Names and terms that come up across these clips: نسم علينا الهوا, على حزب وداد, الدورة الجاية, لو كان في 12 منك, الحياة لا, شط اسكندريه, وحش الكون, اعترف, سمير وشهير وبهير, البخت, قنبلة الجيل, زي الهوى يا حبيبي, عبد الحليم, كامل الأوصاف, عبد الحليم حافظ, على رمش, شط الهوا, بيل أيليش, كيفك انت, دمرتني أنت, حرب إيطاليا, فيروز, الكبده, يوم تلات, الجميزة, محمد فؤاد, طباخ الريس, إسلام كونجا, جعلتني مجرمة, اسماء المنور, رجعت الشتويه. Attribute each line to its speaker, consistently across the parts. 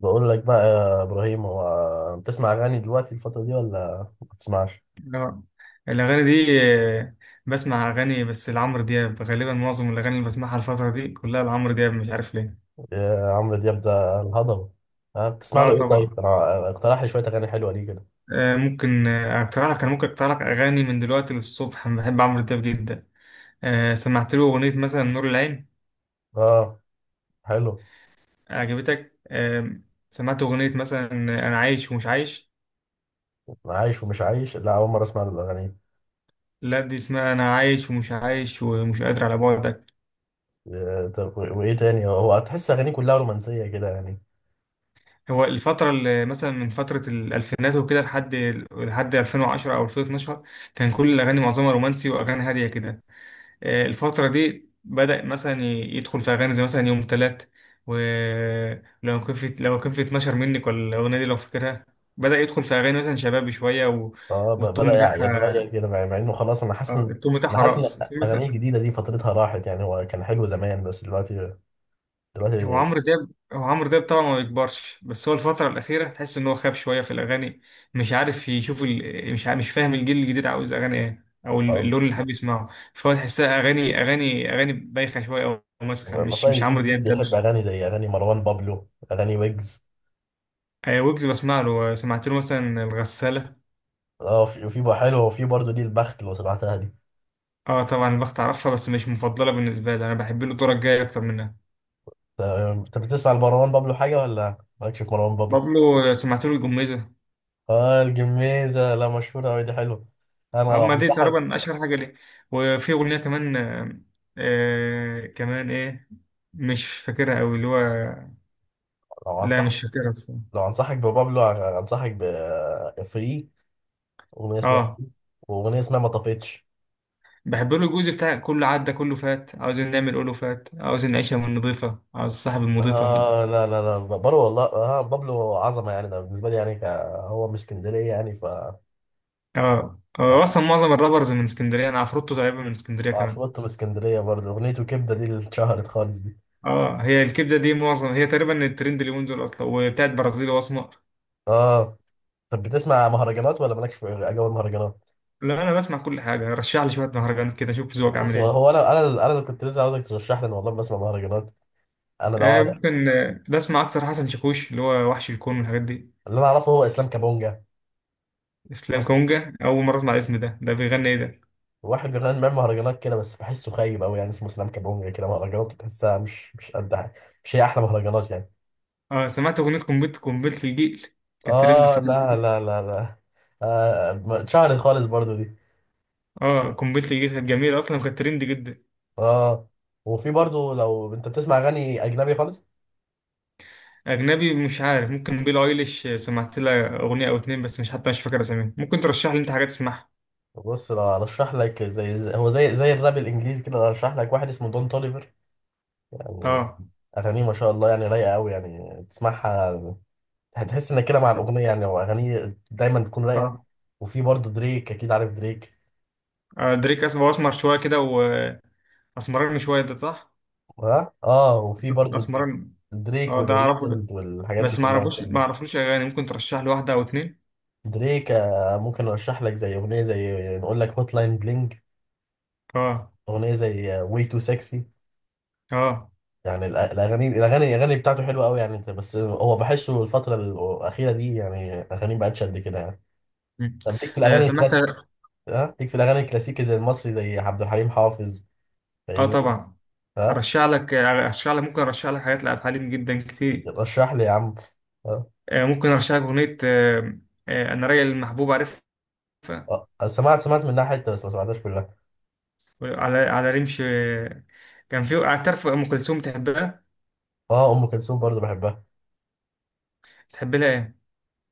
Speaker 1: بقول لك بقى يا ابراهيم، هو بتسمع اغاني دلوقتي الفتره دي ولا ما بتسمعش؟
Speaker 2: اه. الأغاني دي. آه، بسمع أغاني بس لعمرو دياب، غالبا معظم الأغاني اللي بسمعها الفترة دي كلها لعمرو دياب، مش عارف ليه.
Speaker 1: يا عمرو دياب ده الهضبه. ها بتسمع له
Speaker 2: اه
Speaker 1: ايه؟
Speaker 2: طبعا.
Speaker 1: طيب انا اقترح لي شويه اغاني حلوه ليه كده.
Speaker 2: آه ممكن آه، أقترح لك. أنا ممكن أقترح لك أغاني من دلوقتي للصبح، أنا بحب عمرو دياب جدا. آه، سمعت له أغنية مثلا نور العين.
Speaker 1: اه حلو.
Speaker 2: عجبتك؟ آه. سمعت أغنية مثلا أنا عايش ومش عايش.
Speaker 1: عايش ومش عايش، لا اول مره اسمع له الاغاني.
Speaker 2: لا، دي اسمها أنا عايش ومش عايش ومش قادر على بعد.
Speaker 1: طب وايه تاني؟ هو تحس اغانيه كلها رومانسيه كده يعني؟
Speaker 2: هو الفترة اللي مثلا من فترة الألفينات وكده لحد 2010 أو 2012، كان كل الأغاني معظمها رومانسي وأغاني هادية كده. آه، الفترة دي بدأ مثلا يدخل في أغاني زي مثلا يوم تلات، ولو كان في 12 منك، ولا الأغنية دي لو فاكرها؟ بدأ يدخل في أغاني مثلا شبابي شوية و...
Speaker 1: اه،
Speaker 2: والتون
Speaker 1: بدا
Speaker 2: بتاعها.
Speaker 1: يتغير كده، مع انه خلاص. انا حاسس
Speaker 2: آه،
Speaker 1: ان
Speaker 2: التون
Speaker 1: انا
Speaker 2: بتاعها
Speaker 1: حاسس ان
Speaker 2: رقص في.
Speaker 1: اغانيه الجديده دي فترتها راحت، يعني هو كان حلو زمان بس دلوقتي
Speaker 2: هو
Speaker 1: دلوقتي.
Speaker 2: عمرو دياب هو عمرو دياب طبعا ما بيكبرش، بس هو الفترة الأخيرة تحس إن هو خاب شوية في الأغاني، مش عارف يشوف مش عارف مش فاهم الجيل الجديد عاوز أغاني إيه أو
Speaker 1: آه،
Speaker 2: اللون اللي حابب يسمعه. فهو تحسها أغاني بايخة شوية أو ماسخة، مش
Speaker 1: الرأي،
Speaker 2: مش
Speaker 1: الجيل
Speaker 2: عمرو
Speaker 1: الجديد
Speaker 2: دياب، ده
Speaker 1: بيحب
Speaker 2: مش.
Speaker 1: أغاني زي أغاني مروان بابلو، أغاني ويجز.
Speaker 2: آه، ويجز بسمع له. آه، سمعت له مثلا الغسالة.
Speaker 1: اه في بقى حلو، وفي برضه دي البخت لو سمعتها دي.
Speaker 2: اه طبعا، البخت أعرفها، بس مش مفضلة بالنسبة لي، أنا بحب له الدورة الجاية أكتر منها.
Speaker 1: انت بتسمع لمروان بابلو حاجة ولا مالكش في مروان بابلو؟
Speaker 2: بابلو آه، سمعت له الجميزة.
Speaker 1: اه الجميزة، لا مشهورة أوي دي، حلوة. أنا
Speaker 2: اه،
Speaker 1: لو
Speaker 2: ما دي
Speaker 1: أنصحك،
Speaker 2: تقريبا اشهر حاجه ليه. وفي اغنيه كمان آه، آه، كمان ايه؟ مش فاكرها قوي اللي هو.
Speaker 1: لو
Speaker 2: لا
Speaker 1: أنصحك،
Speaker 2: مش فاكرها الصراحه.
Speaker 1: لو أنصحك ببابلو، أنصحك بفري، أغنية اسمها فري،
Speaker 2: اه،
Speaker 1: وأغنية اسمها ما طفتش.
Speaker 2: بحب له الجزء بتاع كله عدى كله فات عاوزين نعمل قوله فات عاوزين نعيشها من نضيفه عاوز صاحب المضيفه.
Speaker 1: اه لا لا لا بابلو والله، اه بابلو عظمة يعني، ده بالنسبة لي يعني هو من اسكندرية يعني، ف
Speaker 2: اه. آه، هو اصلا معظم الرابرز من اسكندريه، انا عفروتو تقريبا من اسكندريه كمان.
Speaker 1: عفروتو من اسكندرية برضه، أغنيته كبدة دي اللي اتشهرت خالص دي.
Speaker 2: اه، هي الكبده دي معظم هي تقريبا الترند اليومين دول اصلا وبتاعت برازيلي واسمر.
Speaker 1: اه طب بتسمع مهرجانات ولا مالكش في أجواء المهرجانات؟
Speaker 2: لا، انا بسمع كل حاجه. رشح لي شويه مهرجانات كده، شوف ذوقك عامل
Speaker 1: بص
Speaker 2: ايه.
Speaker 1: هو أنا اللي كنت لسه عاوزك ترشح لي، أنا والله بسمع مهرجانات. أنا لو
Speaker 2: آه،
Speaker 1: أعرف-
Speaker 2: ممكن آه، بسمع أكتر حسن شاكوش، اللي هو وحش الكون والحاجات دي.
Speaker 1: اللي أنا أعرفه هو إسلام كابونجا.
Speaker 2: إسلام
Speaker 1: حصل.
Speaker 2: كونجا، أول مرة أسمع الاسم ده، ده بيغني إيه ده؟
Speaker 1: واحد جربان بيعمل مهرجانات كده، بس بحسه خايب أوي يعني، اسمه إسلام كابونجا كده، مهرجانات تحسها مش قد حاجة، مش هي أحلى مهرجانات يعني.
Speaker 2: آه، سمعت أغنية قنبلة، قنبلة الجيل، كانت ترند
Speaker 1: اه
Speaker 2: الفترة
Speaker 1: لا
Speaker 2: دي.
Speaker 1: لا لا لا. اتشهرت خالص برضه دي.
Speaker 2: آه، قنبلة الجيل كانت جميلة أصلا وكانت ترند جدا.
Speaker 1: اه وفي برضه لو أنت بتسمع أغاني أجنبي خالص.
Speaker 2: أجنبي مش عارف، ممكن بيل أيليش. آه، سمعت لها أغنية أو اتنين بس، مش حتى مش فاكر أساميهم، ممكن ترشح لي أنت حاجات تسمعها.
Speaker 1: بص لو ارشح لك زي هو زي الراب الانجليزي كده، لو ارشح لك واحد اسمه دون توليفر يعني.
Speaker 2: آه.
Speaker 1: اغانيه ما شاء الله يعني، رايقه قوي يعني تسمعها، هتحس انك كده مع الاغنيه يعني، واغانيه دايما بتكون رايقه.
Speaker 2: آه.
Speaker 1: وفي برضه دريك، اكيد عارف دريك.
Speaker 2: آه، دريك أسمر، أسمر شوية كده، وأسمرني شوية، ده صح؟
Speaker 1: ها اه، وفي برضه
Speaker 2: أسمرني.
Speaker 1: دريك
Speaker 2: آه، ده
Speaker 1: وذا
Speaker 2: أعرفه ده،
Speaker 1: ويكند والحاجات دي
Speaker 2: بس ما
Speaker 1: كلها ما
Speaker 2: أعرفوش،
Speaker 1: شاء
Speaker 2: ما
Speaker 1: الله.
Speaker 2: أعرفلوش أغاني، ممكن ترشح لي واحدة أو اتنين.
Speaker 1: دريك ممكن ارشح لك زي اغنيه زي، نقول لك هوت لاين بلينج،
Speaker 2: اه.
Speaker 1: اغنيه زي واي تو سكسي
Speaker 2: اه.
Speaker 1: يعني. الاغاني بتاعته حلوه قوي يعني، انت بس هو بحسه الفتره الاخيره دي يعني اغاني بقتش قد كده يعني.
Speaker 2: مم.
Speaker 1: طب ليك في
Speaker 2: آه،
Speaker 1: الاغاني
Speaker 2: سمعت.
Speaker 1: الكلاسيك؟ ها ليك في الاغاني الكلاسيكي زي المصري، زي عبد الحليم حافظ،
Speaker 2: اه
Speaker 1: فيروز؟
Speaker 2: طبعا.
Speaker 1: ها
Speaker 2: ارشح لك ممكن ارشح لك حاجات لعبد الحليم جدا كتير.
Speaker 1: رشح لي يا عم. ها
Speaker 2: آه، ممكن ارشح لك اغنيه آه، آه، انا رايق المحبوب، عارفها؟
Speaker 1: سمعت منها حته بس ما سمعتهاش كلها.
Speaker 2: على على رمش آه، كان في اعترف، ام كلثوم تحبها؟
Speaker 1: اه ام كلثوم برضه بحبها.
Speaker 2: تحب لها ايه؟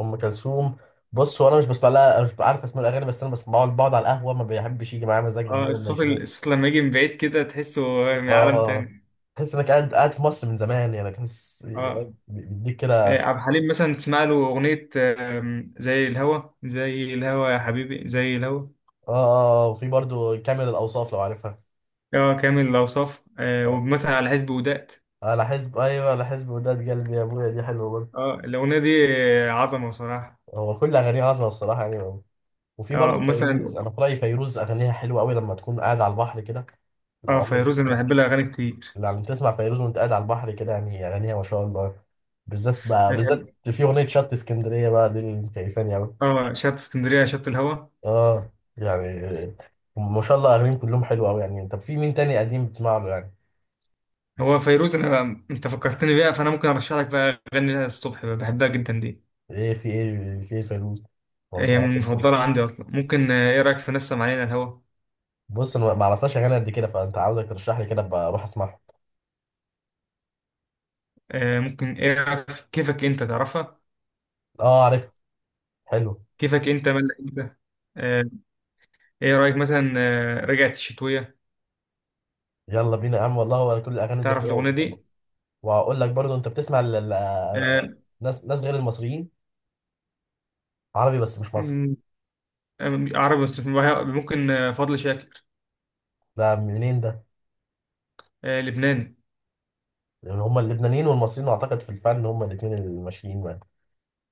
Speaker 1: ام كلثوم، بص هو انا مش بسمع لها، مش عارف اسماء الاغاني، بس انا بس بقعد على القهوه، ما بيحبش يجي معايا مزاج ان
Speaker 2: اه،
Speaker 1: هو ما
Speaker 2: الصوت
Speaker 1: يشغل.
Speaker 2: الصوت لما يجي من بعيد كده تحسه من عالم
Speaker 1: اه
Speaker 2: تاني.
Speaker 1: تحس انك قاعد قاعد في مصر من زمان، يعني تحس إيه،
Speaker 2: اه.
Speaker 1: بيديك
Speaker 2: آه،
Speaker 1: كده.
Speaker 2: عبد الحليم مثلا تسمع له اغنيه آه، زي الهوى، زي الهوى يا حبيبي زي الهوى.
Speaker 1: اه اه، وفي برضو كامل الأوصاف لو عارفها.
Speaker 2: اه كامل الأوصاف، آه
Speaker 1: اه
Speaker 2: ومثلا على حزب وداد.
Speaker 1: على حزب، أيوة على حزب وداد، قلبي يا أبويا دي حلوة برضو.
Speaker 2: اه، الاغنيه دي عظمه بصراحه.
Speaker 1: هو كل أغانيه عظمة الصراحة يعني. وفي
Speaker 2: اه
Speaker 1: برضو فيروز،
Speaker 2: مثلا.
Speaker 1: أنا في رأيي فيروز أغانيها حلوة أوي لما تكون قاعد على البحر كده، لو
Speaker 2: اه،
Speaker 1: عمرك جيت.
Speaker 2: فيروز انا بحب لها اغاني كتير.
Speaker 1: لما تسمع فيروز وأنت قاعد على البحر كده، يعني أغانيها ما شاء الله. بالذات بقى،
Speaker 2: انا بحب.
Speaker 1: بالذات في أغنية شط اسكندرية بقى، دي اللي مكيفاني أوي.
Speaker 2: اه، شط اسكندريه، شط الهوا.
Speaker 1: اه يعني ما شاء الله أغانيهم كلهم حلوة أوي يعني. طب في مين تاني قديم بتسمع له يعني؟
Speaker 2: هو فيروز انا، انت فكرتني بيها، فانا ممكن ارشح لك بقى اغاني لها الصبح بقى، بحبها جدا دي.
Speaker 1: إيه فيروز؟ ما
Speaker 2: هي
Speaker 1: بسمعوش.
Speaker 2: من المفضله عندي اصلا. ممكن آه، ايه رايك في نسم علينا الهوا؟
Speaker 1: بص انا ما اعرفهاش اغاني قد كده، فانت عاوزك ترشح لي كده ابقى اروح اسمعها.
Speaker 2: آه ممكن، ايه رايك في كيفك انت؟ تعرفها؟
Speaker 1: اه عارف، حلو.
Speaker 2: كيفك انت مالك انت. آه. ايه رايك مثلا آه رجعت الشتويه،
Speaker 1: يلا بينا يا عم والله، هو كل الاغاني دي
Speaker 2: تعرف الاغنيه
Speaker 1: حلوه.
Speaker 2: دي؟
Speaker 1: وهقول لك برضو، انت بتسمع
Speaker 2: آه.
Speaker 1: ناس غير المصريين، عربي بس مش مصري؟
Speaker 2: م- آه، عربي بس ممكن آه، فضل شاكر.
Speaker 1: ده منين ده؟
Speaker 2: آه لبناني.
Speaker 1: لان هم اللبنانيين والمصريين اعتقد في الفن هم الاثنين الماشيين معاك.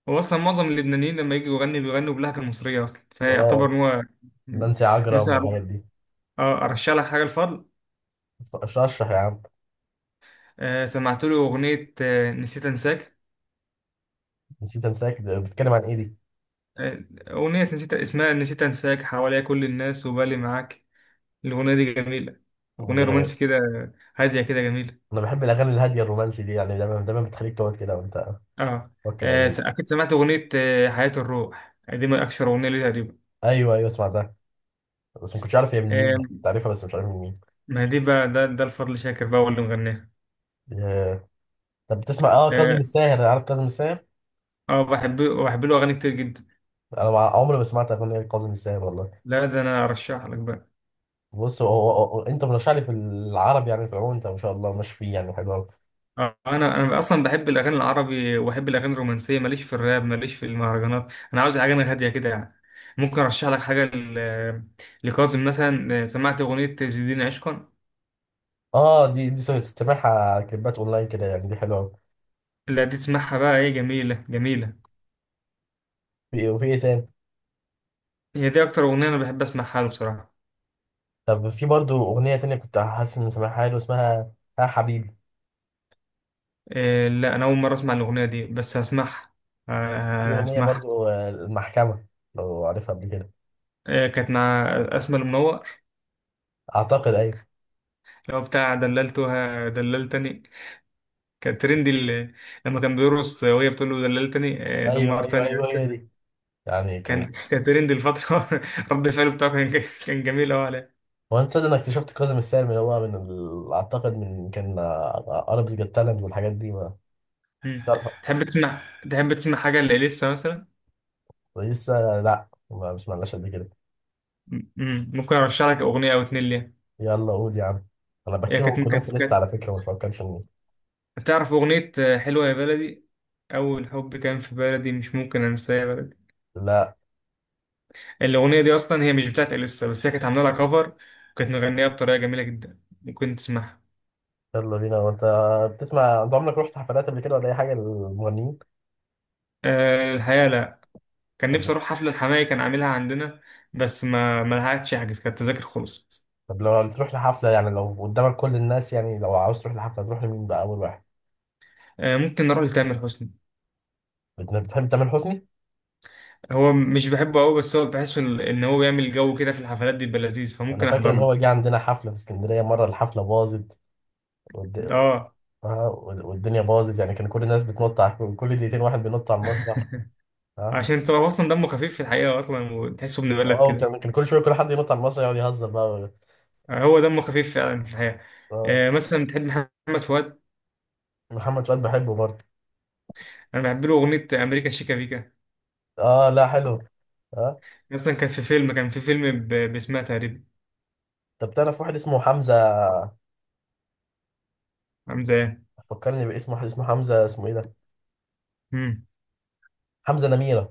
Speaker 2: هو اصلا معظم اللبنانيين لما يجوا يغني بيغنوا باللهجه المصريه اصلا فيعتبر
Speaker 1: اه
Speaker 2: ان هو.
Speaker 1: نانسي عجرم
Speaker 2: مثلا.
Speaker 1: والحاجات دي.
Speaker 2: اه ارشح لك حاجه الفضل،
Speaker 1: رشح يا عم.
Speaker 2: آه سمعت له اغنيه آه نسيت انساك.
Speaker 1: نسيت انساك ده بتتكلم عن ايه دي؟
Speaker 2: آه. اغنيه نسيت اسمها نسيت انساك، حواليا كل الناس وبالي معاك. الاغنيه دي جميله، اغنيه رومانسي كده، هاديه كده جميله.
Speaker 1: انا بحب الاغاني الهاديه الرومانسي دي يعني، دايما دايما بتخليك تقعد كده وانت
Speaker 2: اه،
Speaker 1: فكر
Speaker 2: آه،
Speaker 1: يعني.
Speaker 2: اكيد سمعت اغنيه آه حياه الروح، دي من اشهر اغنيه ليه تقريبا.
Speaker 1: ايوه ايوه سمعتها، بس ما كنتش عارف هي من مين،
Speaker 2: آه،
Speaker 1: كنت عارفها بس مش عارف من مين.
Speaker 2: ما دي بقى، ده ده الفضل شاكر بقى هو اللي مغناها.
Speaker 1: آه، طب بتسمع كاظم
Speaker 2: اه.
Speaker 1: الساهر؟ عارف كاظم الساهر؟
Speaker 2: آه، بحب له اغاني كتير جدا.
Speaker 1: انا عمري ما سمعت اغنيه كاظم الساهر والله.
Speaker 2: لا، ده انا ارشح لك بقى.
Speaker 1: بص هو انت مرشح لي في العربي يعني، في العموم انت ما شاء الله ماشي فيه يعني، حلو قوي.
Speaker 2: آه، انا اصلا بحب الاغاني العربي، وبحب الاغاني الرومانسيه، ماليش في الراب، ماليش في المهرجانات، انا عاوز حاجه أنا هاديه كده يعني. ممكن ارشح لك حاجه لكاظم مثلا. آه، سمعت اغنيه زيدين عشقا.
Speaker 1: اه دي سامعها كليبات اونلاين كده يعني، دي حلوه قوي.
Speaker 2: لا، دي تسمعها بقى ايه جميله جميله.
Speaker 1: وفي ايه تاني؟
Speaker 2: هي دي اكتر اغنيه انا بحب اسمعها له بصراحه.
Speaker 1: طب في برضو اغنيه تانية كنت حاسس ان سامعها حلو، اسمها ها حبيبي.
Speaker 2: آه، لا انا اول مره اسمع الاغنيه دي بس هسمعها.
Speaker 1: في
Speaker 2: آه،
Speaker 1: اغنيه
Speaker 2: هسمعها.
Speaker 1: برضو المحكمه، لو عارفها قبل كده.
Speaker 2: آه، كانت مع اسماء المنور،
Speaker 1: اعتقد ايوه.
Speaker 2: لو بتاع دللتها دللتني، كان ترند لما كان بيرقص وهي بتقول له دللتني، آه،
Speaker 1: ايوه، ايوه،
Speaker 2: دمرتني
Speaker 1: ايوه، هي
Speaker 2: أنت.
Speaker 1: دي يعني، كان.
Speaker 2: كان ترند الفترة. رد فعله بتاعه كان جميل أوي عليه.
Speaker 1: هو انت تصدق انك اكتشفت كاظم الساهر من هو اعتقد من كان اربس جت تالنت والحاجات دي، ما.
Speaker 2: مم.
Speaker 1: لا،
Speaker 2: تحب تسمع، تحب تسمع حاجة لإليسا مثلا؟
Speaker 1: لسه، لا ما سمعناش قد كده.
Speaker 2: مم. ممكن أرشح لك أغنية أو اتنين ليها.
Speaker 1: يلا قول يا عم، انا
Speaker 2: هي
Speaker 1: بكتبهم
Speaker 2: كانت
Speaker 1: كلهم في
Speaker 2: كانت
Speaker 1: ليست
Speaker 2: كانت
Speaker 1: على فكره، ما تفكرش إني.
Speaker 2: تعرف أغنية آه، حلوة يا بلدي، أول حب كان في بلدي مش ممكن أنساه يا بلدي.
Speaker 1: لا.
Speaker 2: الأغنية دي أصلا هي مش بتاعت إليسا، بس هي كانت عاملة لها كفر، وكانت مغنية بطريقة جميلة جدا، ممكن تسمعها.
Speaker 1: يلا بينا، وانت بتسمع، انت عمرك رحت حفلات قبل كده ولا اي حاجه للمغنيين؟
Speaker 2: آه، الحياة لا، كان نفسي
Speaker 1: طب.
Speaker 2: اروح حفله الحماية كان عاملها عندنا، بس ما لحقتش احجز، كانت التذاكر خلصت.
Speaker 1: طب لو تروح لحفله يعني، لو قدامك كل الناس يعني، لو عاوز تروح لحفله تروح لمين بقى اول واحد؟
Speaker 2: آه، ممكن نروح لتامر حسني.
Speaker 1: بتحب تامر حسني؟
Speaker 2: هو مش بحبه قوي، بس هو بحسه ان هو بيعمل جو كده في الحفلات دي بيبقى لذيذ،
Speaker 1: انا
Speaker 2: فممكن
Speaker 1: فاكر
Speaker 2: احضر
Speaker 1: ان هو
Speaker 2: له.
Speaker 1: جه عندنا حفله في اسكندريه مره، الحفله باظت.
Speaker 2: ده. اه.
Speaker 1: اه والدنيا باظت يعني، كان كل الناس بتنط على، كل دقيقتين واحد بينط على المسرح. اه.
Speaker 2: عشان انت هو اصلا دمه خفيف في الحقيقه اصلا، وتحسه ابن بلد
Speaker 1: اه،
Speaker 2: كده.
Speaker 1: وكان كل شويه كل حد ينط على المسرح يقعد يهزر بقى.
Speaker 2: آه، هو دمه خفيف فعلا في الحقيقه.
Speaker 1: اه
Speaker 2: آه، مثلا بتحب محمد فؤاد؟
Speaker 1: محمد فؤاد بحبه برضه.
Speaker 2: انا بحب له اغنيه امريكا شيكا بيكا،
Speaker 1: اه لا حلو. اه.
Speaker 2: مثلا كانت في فيلم، كان في فيلم باسمها تقريبا،
Speaker 1: طب تعرف واحد اسمه حمزه؟
Speaker 2: عامل زيها.
Speaker 1: فكرني باسم واحد اسمه حمزه، اسمه ايه ده، حمزه نميره.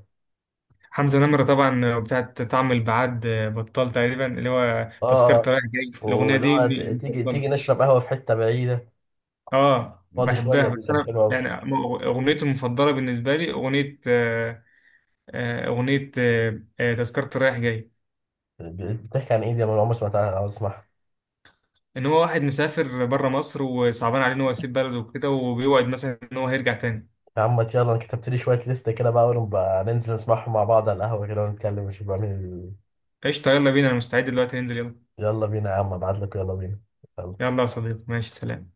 Speaker 2: حمزة نمرة طبعا بتاعت طعم البعاد بطال، تقريبا اللي هو
Speaker 1: اه
Speaker 2: تذكرة
Speaker 1: اه،
Speaker 2: رايح جاي، الأغنية
Speaker 1: واللي
Speaker 2: دي
Speaker 1: هو ت- تيجي
Speaker 2: مفضلة.
Speaker 1: تيجي نشرب قهوه في حته بعيده،
Speaker 2: اه
Speaker 1: فاضي
Speaker 2: بحبها
Speaker 1: شويه، دي
Speaker 2: بس
Speaker 1: كانت
Speaker 2: أنا
Speaker 1: حلوه قوي.
Speaker 2: يعني أغنيتي المفضلة بالنسبة لي، أغنية آه، آه، أغنية آه، آه، تذكرة رايح جاي.
Speaker 1: بتحكي عن ايه دي؟ انا عمري ما سمعتها او اسمعها.
Speaker 2: إن هو واحد مسافر بره مصر وصعبان عليه إن هو يسيب بلده وكده، وبيوعد مثلا إن هو هيرجع تاني.
Speaker 1: يا عم يلا، انا كتبت لي شويه ليست كده بقى، ونبقى ننزل نسمعهم مع بعض على القهوه كده ونتكلم ونشوف بقى مين.
Speaker 2: قشطة، يلا بينا، أنا مستعد دلوقتي ننزل، يلا.
Speaker 1: يلا بينا يا عم، ابعت لك، يلا بينا. يلا.
Speaker 2: يلا يا صديقي، ماشي، سلام.